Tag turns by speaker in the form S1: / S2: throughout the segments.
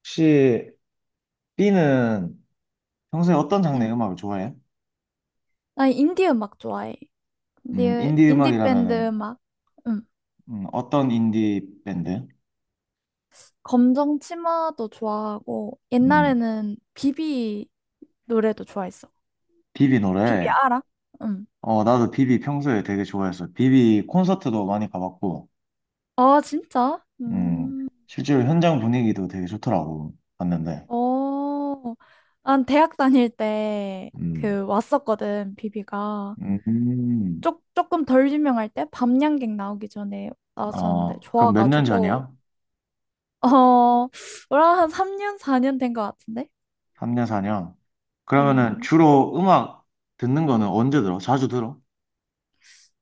S1: 혹시 B는 평소에 어떤
S2: 응.
S1: 장르의 음악을 좋아해?
S2: 나 인디 음악 좋아해. 인디,
S1: 인디
S2: 인디 밴드
S1: 음악이라면은?
S2: 음악. 응.
S1: 어떤 인디 밴드?
S2: 검정 치마도 좋아하고,
S1: 음,
S2: 옛날에는 비비 노래도 좋아했어.
S1: 비비
S2: 비비
S1: 노래.
S2: 알아? 응.
S1: 어, 나도 비비 평소에 되게 좋아했어. 비비 콘서트도 많이 가봤고,
S2: 아, 진짜?
S1: 음,
S2: 음.
S1: 실제로 현장 분위기도 되게 좋더라고 봤는데.
S2: 어. 난 대학 다닐 때
S1: 음.
S2: 그 왔었거든, 비비가.
S1: 음.
S2: 조금 덜 유명할 때 밤양갱 나오기 전에 나왔었는데
S1: 어, 그럼 몇 년
S2: 좋아가지고.
S1: 전이야?
S2: 어, 뭐라 한 3년, 4년 된 것 같은데?
S1: 3년, 4년? 그러면은
S2: 음.
S1: 주로 음악 듣는 거는 언제 들어? 자주 들어?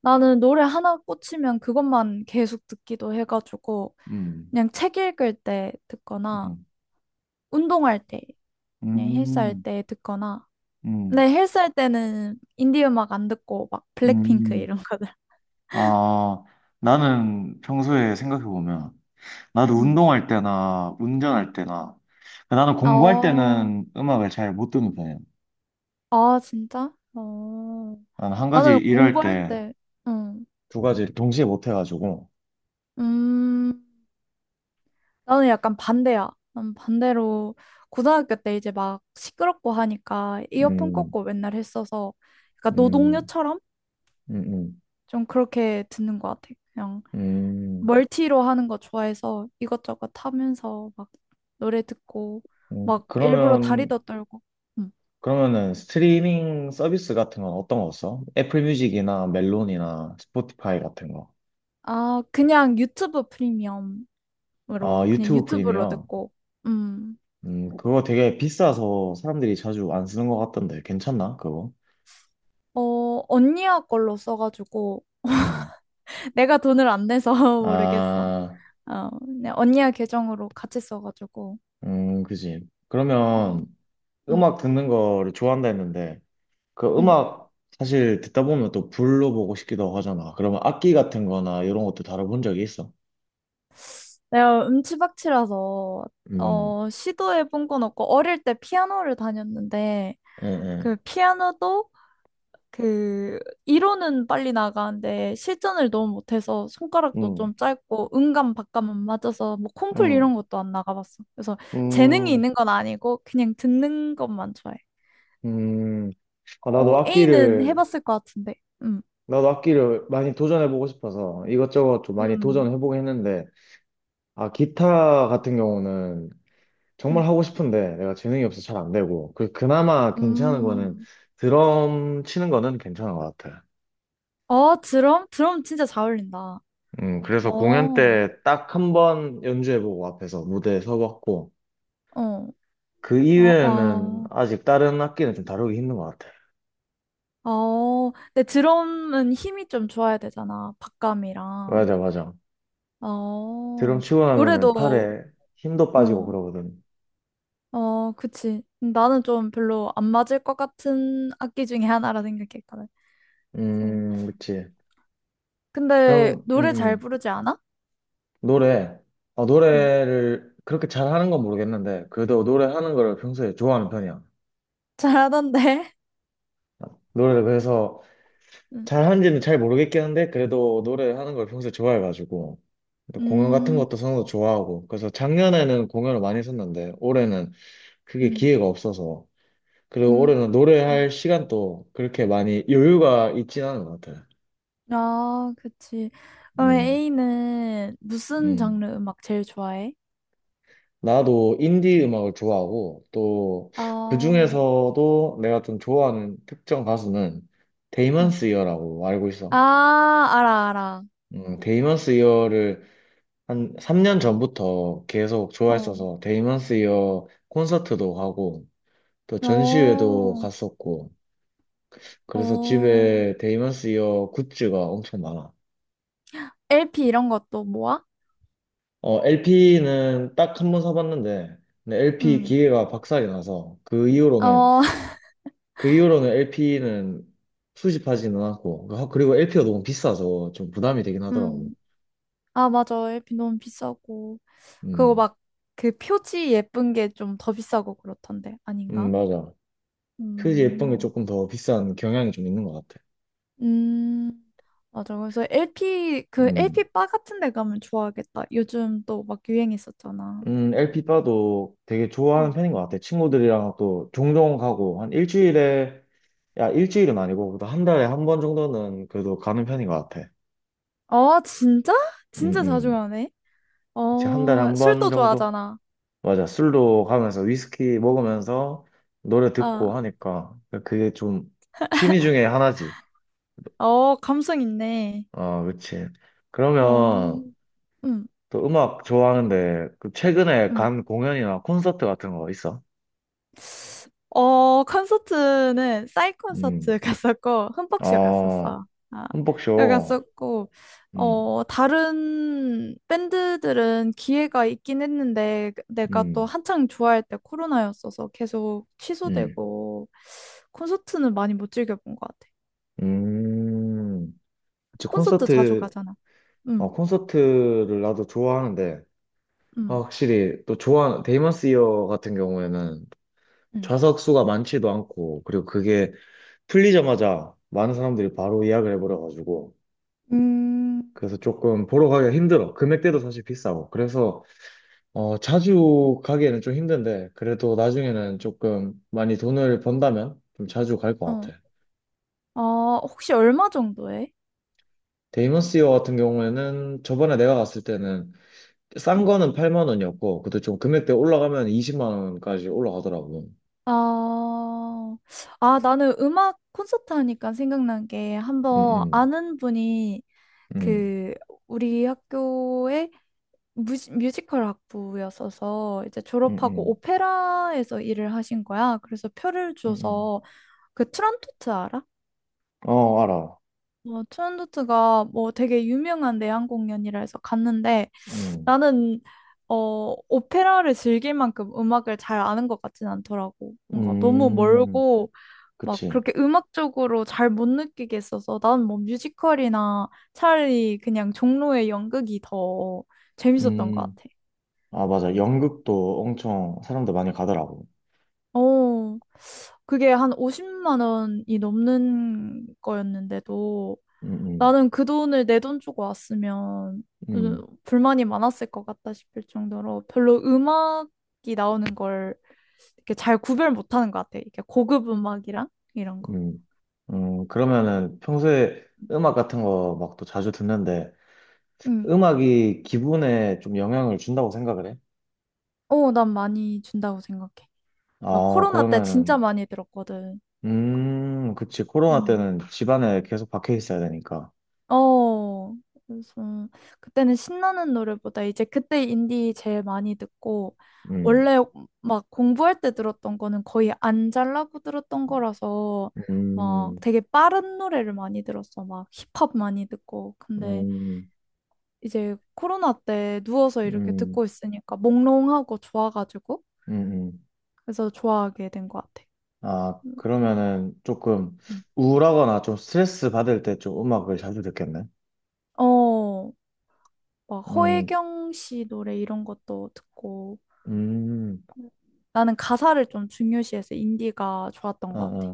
S2: 나는 노래 하나 꽂히면 그것만 계속 듣기도 해가지고
S1: 음.
S2: 그냥 책 읽을 때 듣거나
S1: 음.
S2: 운동할 때 그냥 헬스할
S1: 음.
S2: 때 듣거나
S1: 음.
S2: 근데 헬스할 때는 인디 음악 안 듣고 막 블랙핑크
S1: 음.
S2: 이런 거들.
S1: 아, 나는 평소에 생각해보면, 나도
S2: 음.
S1: 운동할 때나, 운전할 때나, 그 나는 공부할
S2: 어,
S1: 때는 음악을 잘 못 듣는 편이야.
S2: 아 진짜? 어.
S1: 나는 한 가지
S2: 나는
S1: 일할
S2: 공부할
S1: 때,
S2: 때. 음.
S1: 두 가지 동시에 못 해가지고.
S2: 음. 나는 약간 반대야. 난 반대로 고등학교 때 이제 막 시끄럽고 하니까 이어폰
S1: 음.
S2: 꽂고 맨날 했어서 그러니까
S1: 음.
S2: 노동요처럼
S1: 음. 음.
S2: 좀 그렇게 듣는 것 같아. 그냥
S1: 음.
S2: 멀티로 하는 거 좋아해서 이것저것 하면서 막 노래 듣고
S1: 음.
S2: 막 일부러
S1: 그러면,
S2: 다리도 떨고. 음.
S1: 그러면은 스트리밍 서비스 같은 건 어떤 거 써? 애플 뮤직이나 멜론이나 스포티파이 같은 거.
S2: 아, 그냥 유튜브 프리미엄으로.
S1: 아,
S2: 그냥
S1: 유튜브
S2: 유튜브로
S1: 프리미엄.
S2: 듣고. 음.
S1: 그거 되게 비싸서 사람들이 자주 안 쓰는 것 같던데, 괜찮나, 그거?
S2: 어, 언니야 걸로 써가지고
S1: 음.
S2: 내가 돈을 안 내서 모르겠어.
S1: 아.
S2: 어, 그냥 언니야 계정으로 같이 써가지고.
S1: 그지.
S2: 어,
S1: 그러면
S2: 음,
S1: 음악 듣는 거를 좋아한다 했는데, 그
S2: 음.
S1: 음악 사실 듣다 보면 또 불러보고 싶기도 하잖아. 그러면 악기 같은 거나 이런 것도 다뤄본 적이 있어?
S2: 내가 음치박치라서
S1: 음.
S2: 어, 시도해본 건 없고, 어릴 때 피아노를 다녔는데,
S1: 예, 예.
S2: 그 피아노도 그 이론은 빨리 나가는데 실전을 너무 못해서 손가락도
S1: 음.
S2: 좀 짧고 음감 박감 안 맞아서 뭐 콩쿨
S1: 음.
S2: 이런 것도 안 나가봤어. 그래서 재능이
S1: 음.
S2: 있는 건 아니고 그냥 듣는 것만 좋아해.
S1: 음. 아,
S2: 어,
S1: 나도
S2: A는
S1: 악기를,
S2: 해봤을 것 같은데. 음,
S1: 많이 도전해보고 싶어서 이것저것 좀 많이
S2: 음,
S1: 도전해보긴 했는데, 아, 기타 같은 경우는
S2: 음,
S1: 정말 하고 싶은데 내가 재능이 없어서 잘 안 되고 그나마 괜찮은 거는
S2: 음.
S1: 드럼 치는 거는 괜찮은 것 같아.
S2: 어, 드럼? 드럼 진짜 잘 어울린다. 어,
S1: 그래서 공연
S2: 어,
S1: 때 딱 한 번 연주해보고 앞에서 무대에 서봤고
S2: 어,
S1: 그 이외에는
S2: 어,
S1: 아직 다른 악기는 좀 다루기 힘든 것 같아.
S2: 어. 근데 드럼은 힘이 좀 좋아야 되잖아. 박감이랑.
S1: 맞아, 맞아. 드럼
S2: 어,
S1: 치고 나면은
S2: 노래도,
S1: 팔에 힘도 빠지고
S2: 응,
S1: 그러거든.
S2: 어, 그치. 나는 좀 별로 안 맞을 것 같은 악기 중에 하나라 생각했거든. 그래서
S1: 그치.
S2: 근데
S1: 그럼 음,
S2: 노래 잘
S1: 음.
S2: 부르지 않아?
S1: 노래 어,
S2: 응,
S1: 노래를 그렇게 잘하는 건 모르겠는데 그래도 노래하는 거를 평소에 좋아하는 편이야.
S2: 잘하던데.
S1: 노래를 그래서 잘하는지는 잘 모르겠긴 한데 그래도 노래를 하는 걸 평소에 좋아해가지고 또
S2: 응,
S1: 공연 같은 것도 선호도 좋아하고 그래서 작년에는 공연을 많이 했었는데 올해는 그게
S2: 음,
S1: 기회가 없어서 그리고
S2: 음.
S1: 올해는
S2: 음.
S1: 노래할 시간도 그렇게 많이 여유가 있진 않은 것 같아요.
S2: 아, 그치. 그럼
S1: 음.
S2: A는 무슨
S1: 음.
S2: 장르 음악 제일 좋아해?
S1: 나도 인디 음악을 좋아하고 또
S2: 아,
S1: 그중에서도 내가 좀 좋아하는 특정 가수는
S2: 응.
S1: 데이먼스 이어라고 알고
S2: 아,
S1: 있어.
S2: 알아, 알아.
S1: 데이먼스 이어를 한 3년 전부터 계속
S2: 어,
S1: 좋아했어서 데이먼스 이어 콘서트도 가고 또 전시회도
S2: 어,
S1: 갔었고 그래서
S2: 어.
S1: 집에 데이먼스 이어 굿즈가 엄청 많아.
S2: LP 이런 것도 모아?
S1: 어, LP는 딱 한 번 사봤는데 근데 LP
S2: 응.
S1: 기계가 박살이 나서 그 이후로는.
S2: 어,
S1: LP는 수집하지는 않고 그리고 LP가 너무 비싸서 좀 부담이 되긴 하더라고.
S2: 음. 아, 맞아. 에 p 너무 비싸고. 그거
S1: 음.
S2: 막, 그 표지 예쁜 게 좀 더 비싸고 그렇던데. 아닌가?
S1: 맞아. 표지 예쁜 게
S2: 음,
S1: 조금 더 비싼 경향이 좀 있는 것 같아.
S2: 음, 맞아. 그래서 LP, 그
S1: 음.
S2: LP 바 같은 데 가면 좋아하겠다. 요즘 또 막 유행했었잖아.
S1: LP 바도 되게 좋아하는
S2: 음.
S1: 편인 것 같아. 친구들이랑 또 종종 가고, 한 일주일에, 야, 일주일은 아니고, 그래도 한 달에 한 번 정도는 그래도 가는 편인 것 같아.
S2: 어, 진짜?
S1: 음.
S2: 진짜 자주
S1: 음.
S2: 가네.
S1: 그치, 한 달에
S2: 어,
S1: 한 번
S2: 술도
S1: 정도?
S2: 좋아하잖아.
S1: 맞아. 술도 가면서 위스키 먹으면서 노래
S2: 아,
S1: 듣고 하니까. 그게 좀 취미 중에 하나지.
S2: 어, 감성 있네.
S1: 어, 그치.
S2: 어,
S1: 그러면
S2: 음,
S1: 또 음악 좋아하는데, 그 최근에
S2: 음.
S1: 간 공연이나 콘서트 같은 거 있어?
S2: 어, 콘서트는 싸이 콘서트
S1: 음,
S2: 갔었고 흠뻑쇼
S1: 어,
S2: 갔었어. 아, 여기
S1: 흠뻑쇼.
S2: 갔었고
S1: 음.
S2: 어, 다른 밴드들은 기회가 있긴 했는데 내가 또
S1: 음.
S2: 한창 좋아할 때 코로나였어서 계속
S1: 음.
S2: 취소되고 콘서트는 많이 못 즐겨본 것 같아.
S1: 음. 그치,
S2: 콘서트 자주
S1: 콘서트,
S2: 가잖아.
S1: 어,
S2: 응,
S1: 콘서트를 나도 좋아하는데, 아,
S2: 응,
S1: 확실히, 데이먼스 이어 같은 경우에는
S2: 응.
S1: 좌석 수가 많지도 않고, 그리고 그게 풀리자마자 많은 사람들이 바로 예약을 해버려가지고,
S2: 음,
S1: 그래서 조금 보러 가기가 힘들어. 금액대도 사실 비싸고. 그래서, 자주 가기에는 좀 힘든데, 그래도 나중에는 조금 많이 돈을 번다면 좀 자주 갈 것
S2: 어,
S1: 같아.
S2: 어, 혹시 얼마 정도 해?
S1: 데이먼스 이어 같은 경우에는 저번에 내가 갔을 때는 싼 거는 8만 원이었고, 그때 좀 금액대 올라가면 20만 원까지 올라가더라고.
S2: 아, 아, 나는 음악 콘서트 하니까 생각난 게
S1: 응,
S2: 한번
S1: 응,
S2: 아는 분이
S1: 응,
S2: 그 우리 학교의 뮤지컬 학부였어서 이제
S1: 응,
S2: 졸업하고
S1: 응,
S2: 오페라에서 일을 하신 거야. 그래서 표를
S1: 응.
S2: 줘서 그 트란토트 알아?
S1: 어, 알아.
S2: 어, 트란토트가 뭐 되게 유명한 내한 공연이라 해서 갔는데
S1: 응.
S2: 나는 오페라를 즐길 만큼 음악을 잘 아는 것 같진 않더라고. 뭔가 너무
S1: 음,
S2: 멀고 막
S1: 그치.
S2: 그렇게 음악적으로 잘 못 느끼게 했어서 난 뭐 뮤지컬이나 차라리 그냥 종로의 연극이 더 재밌었던 것
S1: 음,
S2: 같아.
S1: 아, 맞아. 연극도 엄청 사람들 많이 가더라고.
S2: 어, 그게 한 50만 원이 넘는 거였는데도
S1: 응, 응,
S2: 나는 그 돈을 내 돈 주고 왔으면
S1: 응,
S2: 불만이 많았을 것 같다 싶을 정도로 별로 음악이 나오는 걸 이렇게 잘 구별 못하는 것 같아. 이렇게 고급 음악이랑 이런 거.
S1: 응. 그러면은 평소에
S2: 응.
S1: 음악 같은 거 막 또 자주 듣는데,
S2: 응.
S1: 음악이 기분에 좀 영향을 준다고 생각을 해?
S2: 어, 난 많이 준다고 생각해. 나
S1: 아,
S2: 코로나 때 진짜
S1: 그러면은,
S2: 많이 들었거든.
S1: 그치. 코로나
S2: 음.
S1: 때는 집안에 계속 박혀 있어야 되니까.
S2: 어, 그래서 그때는 신나는 노래보다 이제 그때 인디 제일 많이 듣고
S1: 음.
S2: 원래 막 공부할 때 들었던 거는 거의 안 잘라고 들었던 거라서 막
S1: 음.
S2: 되게 빠른 노래를 많이 들었어. 막 힙합 많이 듣고. 근데
S1: 음.
S2: 이제 코로나 때 누워서 이렇게
S1: 음.
S2: 듣고 있으니까 몽롱하고 좋아가지고
S1: 음. 음.
S2: 그래서 좋아하게 된 것 같아.
S1: 아,
S2: 음.
S1: 그러면은 조금
S2: 음.
S1: 우울하거나 좀 스트레스 받을 때 좀 음악을 자주 듣겠네.
S2: 어, 막
S1: 음,
S2: 허혜경 씨 노래 이런 것도 듣고
S1: 음,
S2: 나는 가사를 좀 중요시해서 인디가 좋았던
S1: 아,
S2: 것 같아.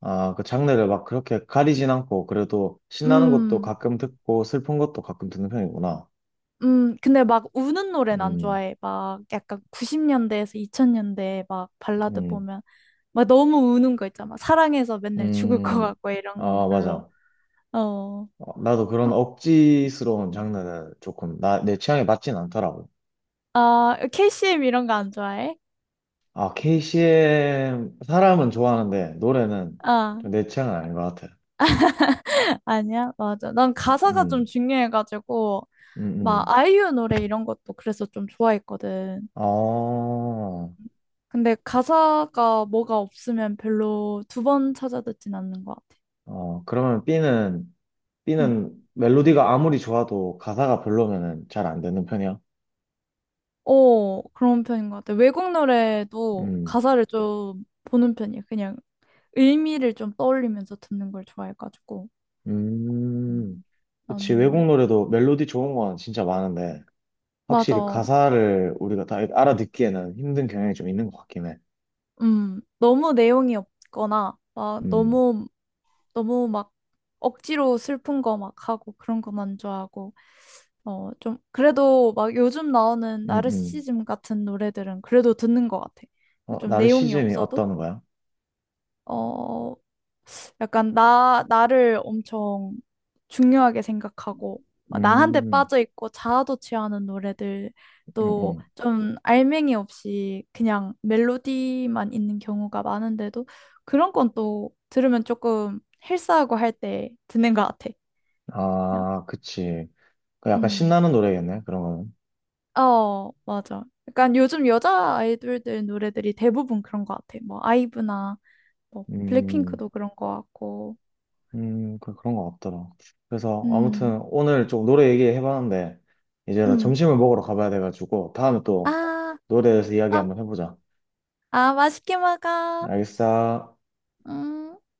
S1: 아, 아, 그 장르를 막 그렇게 가리진 않고, 그래도 신나는 것도
S2: 음,
S1: 가끔 듣고, 슬픈 것도 가끔 듣는 편이구나.
S2: 근데 막 우는 노래는 안
S1: 음,
S2: 좋아해. 막 약간 90년대에서 2000년대 막 발라드
S1: 음,
S2: 보면 막 너무 우는 거 있잖아. 막 사랑해서 맨날 죽을 것
S1: 음,
S2: 같고 이런 건
S1: 아,
S2: 별로.
S1: 맞아.
S2: 어,
S1: 어, 나도 그런
S2: 그럼,
S1: 억지스러운 장르는 조금 내 취향에 맞진 않더라고.
S2: 아, KCM 이런 거 안 좋아해?
S1: 아, KCM 사람은 좋아하는데 노래는
S2: 아,
S1: 좀 내 취향은 아닌 것 같아.
S2: 아니야? 맞아. 난 가사가 좀
S1: 음.
S2: 중요해가지고
S1: 음.
S2: 막
S1: 음.
S2: 아이유 노래 이런 것도 그래서 좀 좋아했거든.
S1: 어,
S2: 근데 가사가 뭐가 없으면 별로 두 번 찾아 듣진 않는 것 같아.
S1: 어, 그러면 B는
S2: 음.
S1: 멜로디가 아무리 좋아도 가사가 별로면은 잘 안 듣는 편이야.
S2: 어, 그런 편인 것 같아. 외국 노래도
S1: 음.
S2: 가사를 좀 보는 편이야. 그냥 의미를 좀 떠올리면서 듣는 걸 좋아해가지고.
S1: 음.
S2: 음.
S1: 그치, 외국
S2: 나는,
S1: 노래도 멜로디 좋은 건 진짜 많은데 확실히
S2: 맞아.
S1: 가사를 우리가 다 알아듣기에는 힘든 경향이 좀 있는 것 같긴 해.
S2: 너무 내용이 없거나, 막
S1: 음.
S2: 너무, 너무 막 억지로 슬픈 거 막 하고 그런 거만 좋아하고. 어, 좀, 그래도 막 요즘 나오는
S1: 음. 음.
S2: 나르시즘 같은 노래들은 그래도 듣는 것 같아.
S1: 어,
S2: 좀 내용이
S1: 나르시즘이
S2: 없어도,
S1: 어떤 거야?
S2: 어, 약간 나를 엄청 중요하게 생각하고, 막 나한테
S1: 음.
S2: 빠져있고 자아도 취하는
S1: 음.
S2: 노래들도
S1: 음.
S2: 좀 알맹이 없이 그냥 멜로디만 있는 경우가 많은데도 그런 건 또 들으면 조금 헬스하고 할 때 듣는 것 같아. 그냥,
S1: 아, 그치. 그 약간
S2: 음.
S1: 신나는 노래겠네, 그런 거는.
S2: 어, 맞아. 약간 요즘 여자 아이돌들 노래들이 대부분 그런 것 같아. 뭐, 아이브나, 뭐,
S1: 음.
S2: 블랙핑크도 그런 것 같고.
S1: 음. 그런 거 같더라. 그래서
S2: 음,
S1: 아무튼 오늘 좀 노래 얘기해봤는데, 이제 나
S2: 음.
S1: 점심을 먹으러 가봐야 돼가지고, 다음에 또
S2: 아,
S1: 노래에 대해서 이야기
S2: 아,
S1: 한번 해보자.
S2: 아, 맛있게 먹어.
S1: 알겠어.
S2: 음.